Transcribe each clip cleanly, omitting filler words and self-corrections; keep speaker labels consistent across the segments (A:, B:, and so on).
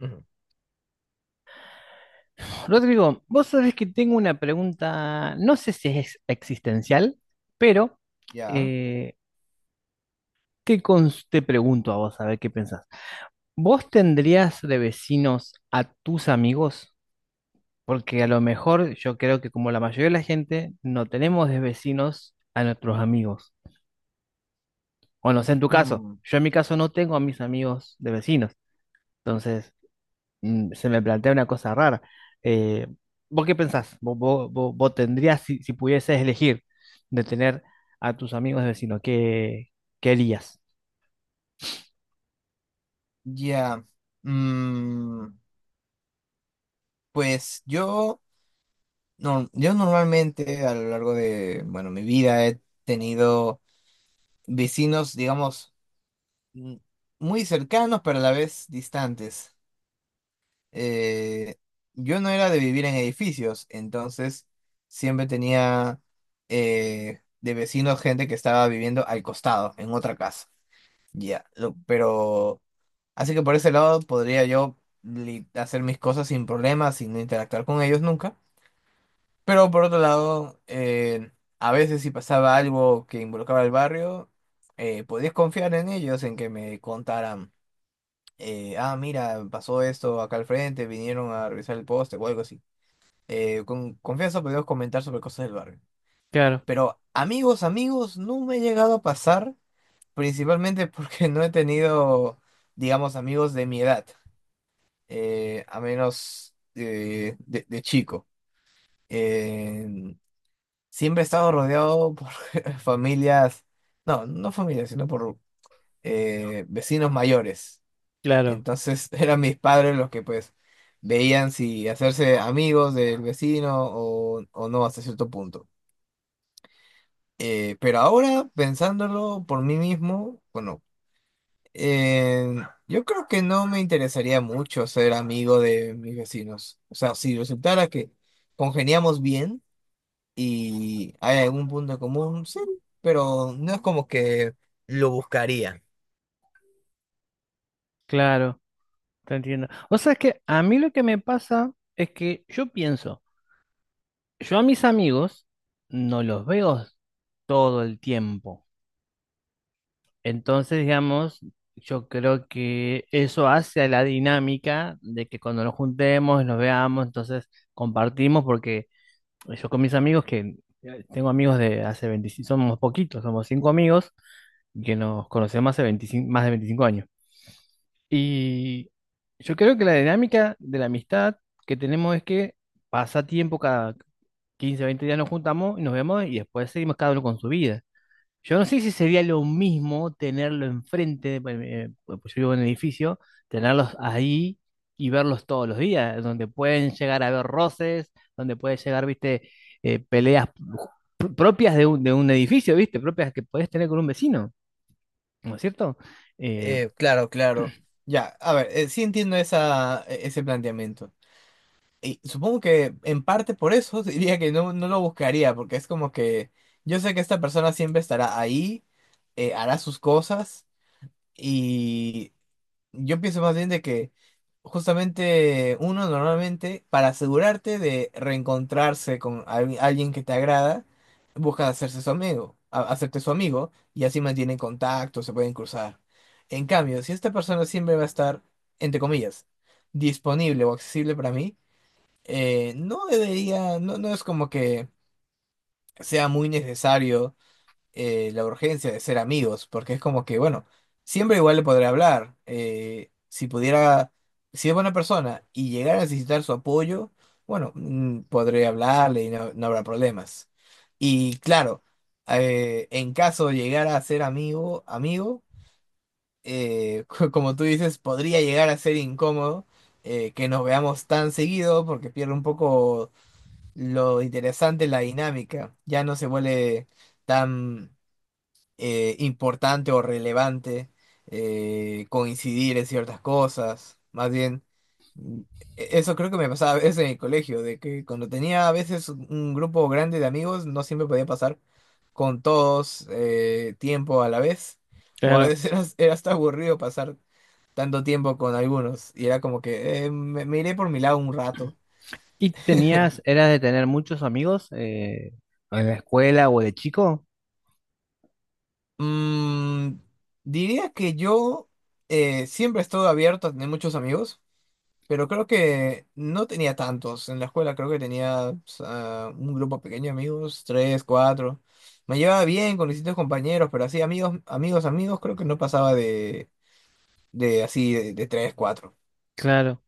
A: Ujú.
B: Rodrigo, vos sabés que tengo una pregunta, no sé si es existencial, pero
A: Ya.
B: eh, te pregunto a vos a ver qué pensás. ¿Vos tendrías de vecinos a tus amigos? Porque a lo mejor yo creo que, como la mayoría de la gente, no tenemos de vecinos a nuestros amigos. O no sé, en tu caso,
A: Ujú.
B: yo en mi caso no tengo a mis amigos de vecinos. Entonces, se me plantea una cosa rara. Eh, ¿Vos qué pensás? ¿Vos tendrías, si pudieses elegir de tener a tus amigos vecinos, qué harías?
A: Ya. Mm, pues yo, no, yo normalmente a lo largo de, bueno, mi vida he tenido vecinos, digamos, mm, muy cercanos, pero a la vez distantes. Eh, yo no era de vivir en edificios, entonces siempre tenía de vecinos gente que estaba viviendo al costado, en otra casa. Ya, pero... Así que por ese lado podría yo hacer mis cosas sin problemas, sin interactuar con ellos nunca. Pero por otro lado, a veces si pasaba algo que involucraba el barrio, podías confiar en ellos, en que me contaran, mira, pasó esto acá al frente, vinieron a revisar el poste o algo así. Con confianza podíamos comentar sobre cosas del barrio.
B: Claro,
A: Pero amigos, amigos, no me he llegado a pasar, principalmente porque no he tenido, digamos, amigos de mi edad. Eh, a menos de chico. Eh, siempre he estado rodeado por familias, no, no familias, sino por vecinos mayores.
B: claro,
A: Entonces eran mis padres los que pues veían si hacerse amigos del vecino o no hasta cierto punto. Pero ahora, pensándolo por mí mismo, bueno, Eh, yo creo que no me interesaría mucho ser amigo de mis vecinos. O sea, si resultara que congeniamos bien y hay algún punto en común, sí, pero no es como que lo buscaría.
B: claro, te entiendo. O sea, es que a mí lo que me pasa es que yo pienso, yo a mis amigos no los veo todo el tiempo. Entonces, digamos, yo creo que eso hace a la dinámica de que, cuando nos juntemos, nos veamos, entonces compartimos. Porque yo, con mis amigos, que tengo amigos de hace 25, somos poquitos, somos cinco amigos que nos conocemos hace 25, más de 25 años. Y yo creo que la dinámica de la amistad que tenemos es que pasa tiempo, cada 15, 20 días nos juntamos y nos vemos, y después seguimos cada uno con su vida. Yo no sé si sería lo mismo tenerlo enfrente, pues, pues yo vivo en un edificio, tenerlos ahí y verlos todos los días, donde pueden llegar a ver roces, donde puede llegar, viste, peleas propias de un, edificio, viste, propias que podés tener con un vecino, ¿no es cierto? Eh,
A: Claro, claro. Ya, a ver, sí entiendo esa, ese planteamiento. Y supongo que en parte por eso diría que no, no lo buscaría, porque es como que yo sé que esta persona siempre estará ahí, hará sus cosas. Y yo pienso más bien de que justamente uno normalmente, para asegurarte de reencontrarse con alguien que te agrada, busca hacerse su amigo, hacerte su amigo y así mantienen contacto, se pueden cruzar. En cambio, si esta persona siempre va a estar, entre comillas, disponible o accesible para mí, no debería, no, no es como que sea muy necesario la urgencia de ser amigos, porque es como que, bueno, siempre igual le podré hablar. Si pudiera, si es buena persona y llegar a necesitar su apoyo, bueno, podré hablarle y no, no habrá problemas. Y claro, en caso de llegar a ser amigo, amigo, como tú dices, podría llegar a ser incómodo. Que nos veamos tan seguido porque pierde un poco lo interesante la dinámica, ya no se vuelve tan importante o relevante coincidir en ciertas cosas. Más bien, mm, eso creo que me pasaba a veces en el colegio, de que cuando tenía a veces un grupo grande de amigos, no siempre podía pasar con todos tiempo a la vez, o a
B: Claro.
A: veces era hasta aburrido pasar tanto tiempo con algunos, y era como que me iré por mi lado un rato.
B: Y tenías, ¿eras de tener muchos amigos en la escuela o de chico?
A: Mm, diría que yo siempre estoy abierto a tener muchos amigos. Pero creo que no tenía tantos. En la escuela creo que tenía pues, ah, un grupo pequeño de amigos, tres, cuatro. Me llevaba bien con distintos compañeros, pero así amigos, amigos, amigos, creo que no pasaba de así, de tres, cuatro.
B: Claro.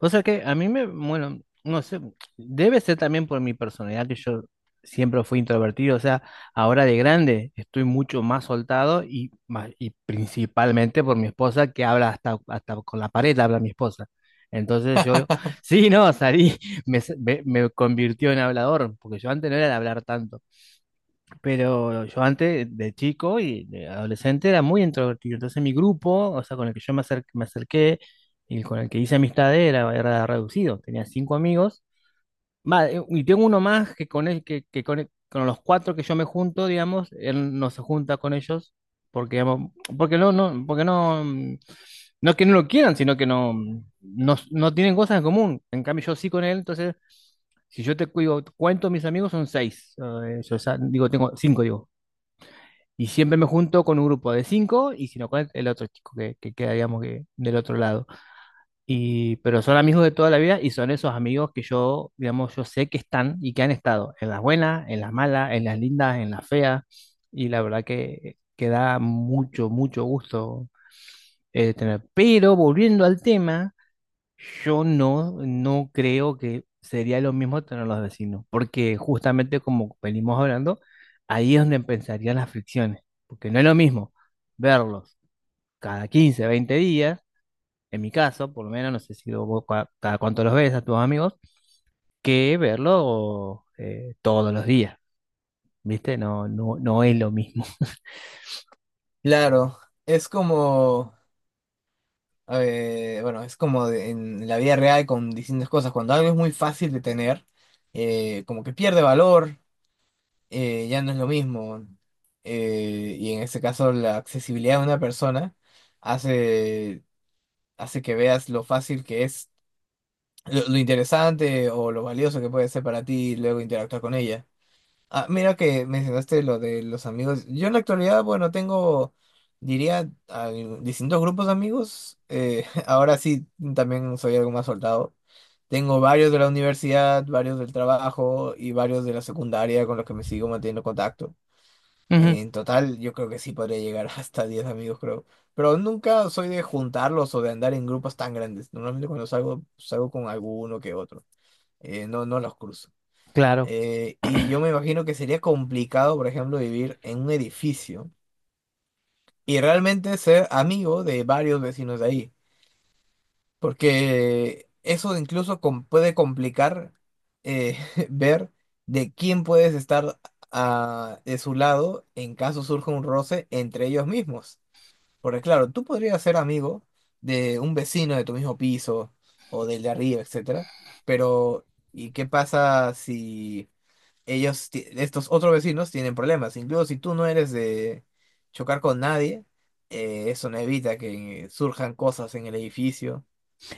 B: O sea que a mí me, bueno, no sé, debe ser también por mi personalidad, que yo siempre fui introvertido. O sea, ahora de grande estoy mucho más soltado, y principalmente por mi esposa, que habla hasta con la pared, habla mi esposa. Entonces yo, sí, no, salí, me convirtió en hablador, porque yo antes no era de hablar tanto. Pero yo antes, de chico y de adolescente, era muy introvertido. Entonces mi grupo, o sea, con el que yo me acerqué y con el que hice amistad era reducido. Tenía cinco amigos. Va, y tengo uno más, que con, el- con los cuatro que yo me junto, digamos, él no se junta con ellos porque, digamos, porque no, no, porque no, no es que no lo quieran, sino que no, no, no tienen cosas en común. En cambio, yo sí con él, entonces... Si yo te digo, cuento mis amigos, son seis. Yo digo, tengo cinco, digo. Y siempre me junto con un grupo de cinco, y si no, con el otro chico que, queda, digamos, que del otro lado. Y pero son amigos de toda la vida, y son esos amigos que yo, digamos, yo sé que están y que han estado en las buenas, en las malas, en las lindas, en las feas. Y la verdad que, da mucho, mucho gusto tener. Pero, volviendo al tema, yo no, no creo que sería lo mismo tener los vecinos, porque, justamente, como venimos hablando, ahí es donde empezarían las fricciones, porque no es lo mismo verlos cada 15, 20 días, en mi caso, por lo menos, no sé si vos cada cuánto los ves a tus amigos, que verlos todos los días, ¿viste? No, no, no es lo mismo.
A: Claro, es como, bueno, es como en la vida real con distintas cosas. Cuando algo es muy fácil de tener, como que pierde valor, ya no es lo mismo. Y en este caso, la accesibilidad de una persona hace hace que veas lo fácil que es, lo interesante o lo valioso que puede ser para ti y luego interactuar con ella. Ah, mira que mencionaste lo de los amigos. Yo en la actualidad, bueno, tengo, diría, distintos grupos de amigos. Ahora sí, también soy algo más soltado. Tengo varios de la universidad, varios del trabajo y varios de la secundaria con los que me sigo manteniendo contacto.
B: Ujú,
A: En total, yo creo que sí podría llegar hasta 10 amigos, creo. Pero nunca soy de juntarlos o de andar en grupos tan grandes. Normalmente cuando salgo, salgo con alguno que otro. No, no los cruzo.
B: claro,
A: Y yo me imagino que sería complicado, por ejemplo, vivir en un edificio y realmente ser amigo de varios vecinos de ahí. Porque eso incluso puede complicar eh, ver de quién puedes estar a, de su lado en caso surja un roce entre ellos mismos. Porque claro, tú podrías ser amigo de un vecino de tu mismo piso o del de arriba, etcétera, pero ¿y qué pasa si ellos, estos otros vecinos tienen problemas? Incluso si tú no eres de chocar con nadie, eso no evita que surjan cosas en el edificio,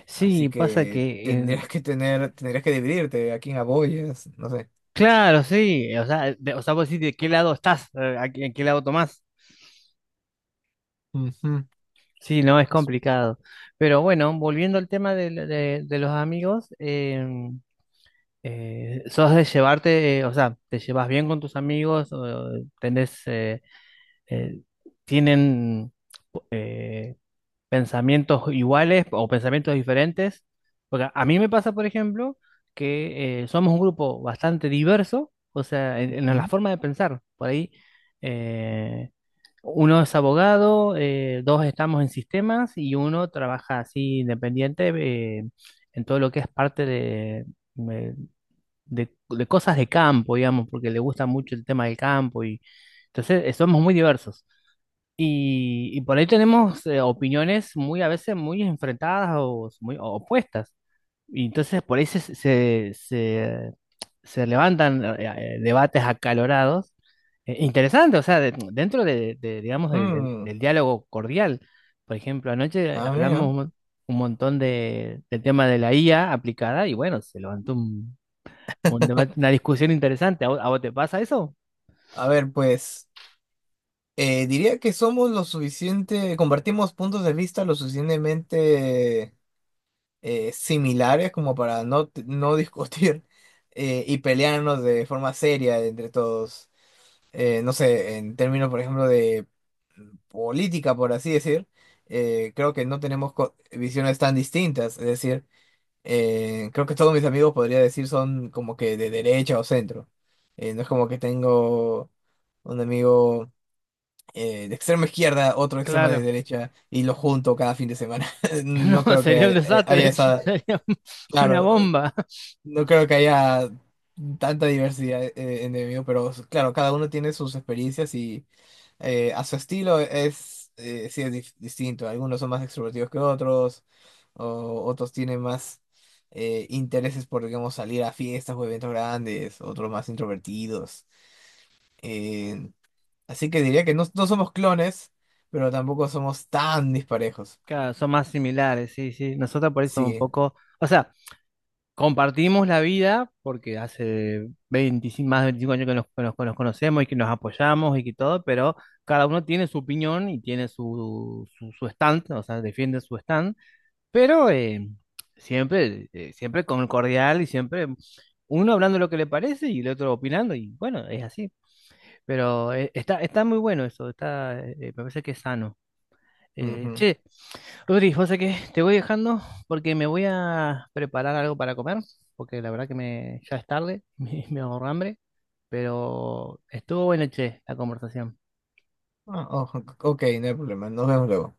B: sí,
A: así
B: pasa
A: que
B: que,
A: tendrías que tener, tendrías que dividirte a quién apoyas, no sé.
B: claro, sí, o sea, o sea, vos decís de qué lado estás, en qué lado tomás.
A: Ujú.
B: Sí, no, es complicado. Pero bueno, volviendo al tema de los amigos, ¿sos de llevarte, o sea, te llevas bien con tus amigos, o tenés, eh, tienen pensamientos iguales o pensamientos diferentes? Porque a mí me pasa, por ejemplo, que somos un grupo bastante diverso, o sea, en, la
A: Ujú.
B: forma de pensar. Por ahí, eh, uno es abogado, dos estamos en sistemas y uno trabaja así, independiente, en todo lo que es parte de- de cosas de campo, digamos, porque le gusta mucho el tema del campo. Y entonces, somos muy diversos. Y por ahí tenemos opiniones muy a veces, muy enfrentadas o muy opuestas. Y entonces por ahí se levantan debates acalorados, interesantes, o sea, dentro de, digamos,
A: Mm.
B: del diálogo cordial. Por ejemplo, anoche
A: Ah,
B: hablamos
A: mira.
B: un montón de, del tema de la IA aplicada, y bueno, se levantó un debate, una discusión interesante. A vos te pasa eso?
A: A ver, pues. Diría que somos lo suficiente, compartimos puntos de vista lo suficientemente similares como para no, no discutir y pelearnos de forma seria entre todos. No sé, en términos, por ejemplo, de política, por así decir, creo que no tenemos visiones tan distintas. Es decir, creo que todos mis amigos podría decir son como que de derecha o centro. No es como que tengo un amigo de extremo izquierda, otro extremo de
B: Claro.
A: derecha, y lo junto cada fin de semana. No
B: No,
A: creo que
B: sería un
A: haya, haya
B: desastre,
A: esa,
B: sería una
A: claro,
B: bomba.
A: no creo que haya tanta diversidad en el mío, pero claro, cada uno tiene sus experiencias y a su estilo es, sí es distinto. Algunos son más extrovertidos que otros, o otros tienen más... intereses por, digamos, salir a fiestas o eventos grandes, otros más introvertidos. eh, Así que diría que no, no somos clones, pero tampoco somos tan disparejos.
B: Claro, son más similares, sí, sí. Nosotros, por eso, un
A: Sí.
B: poco, o sea, compartimos la vida porque hace 25, más de 25 años que nos, que nos conocemos y que nos apoyamos y que todo. Pero cada uno tiene su opinión y tiene su stand, o sea, defiende su stand, pero siempre con cordial, y siempre uno hablando lo que le parece y el otro opinando, y bueno, es así. Pero está muy bueno eso, me parece que es sano.
A: Ujú.
B: Che, Rodri, José, que te voy dejando porque me voy a preparar algo para comer, porque la verdad que me, ya es tarde, me ahorro hambre, pero estuvo buena, che, la conversación.
A: Ah, ojo, ok, no hay problema. Nos vemos luego.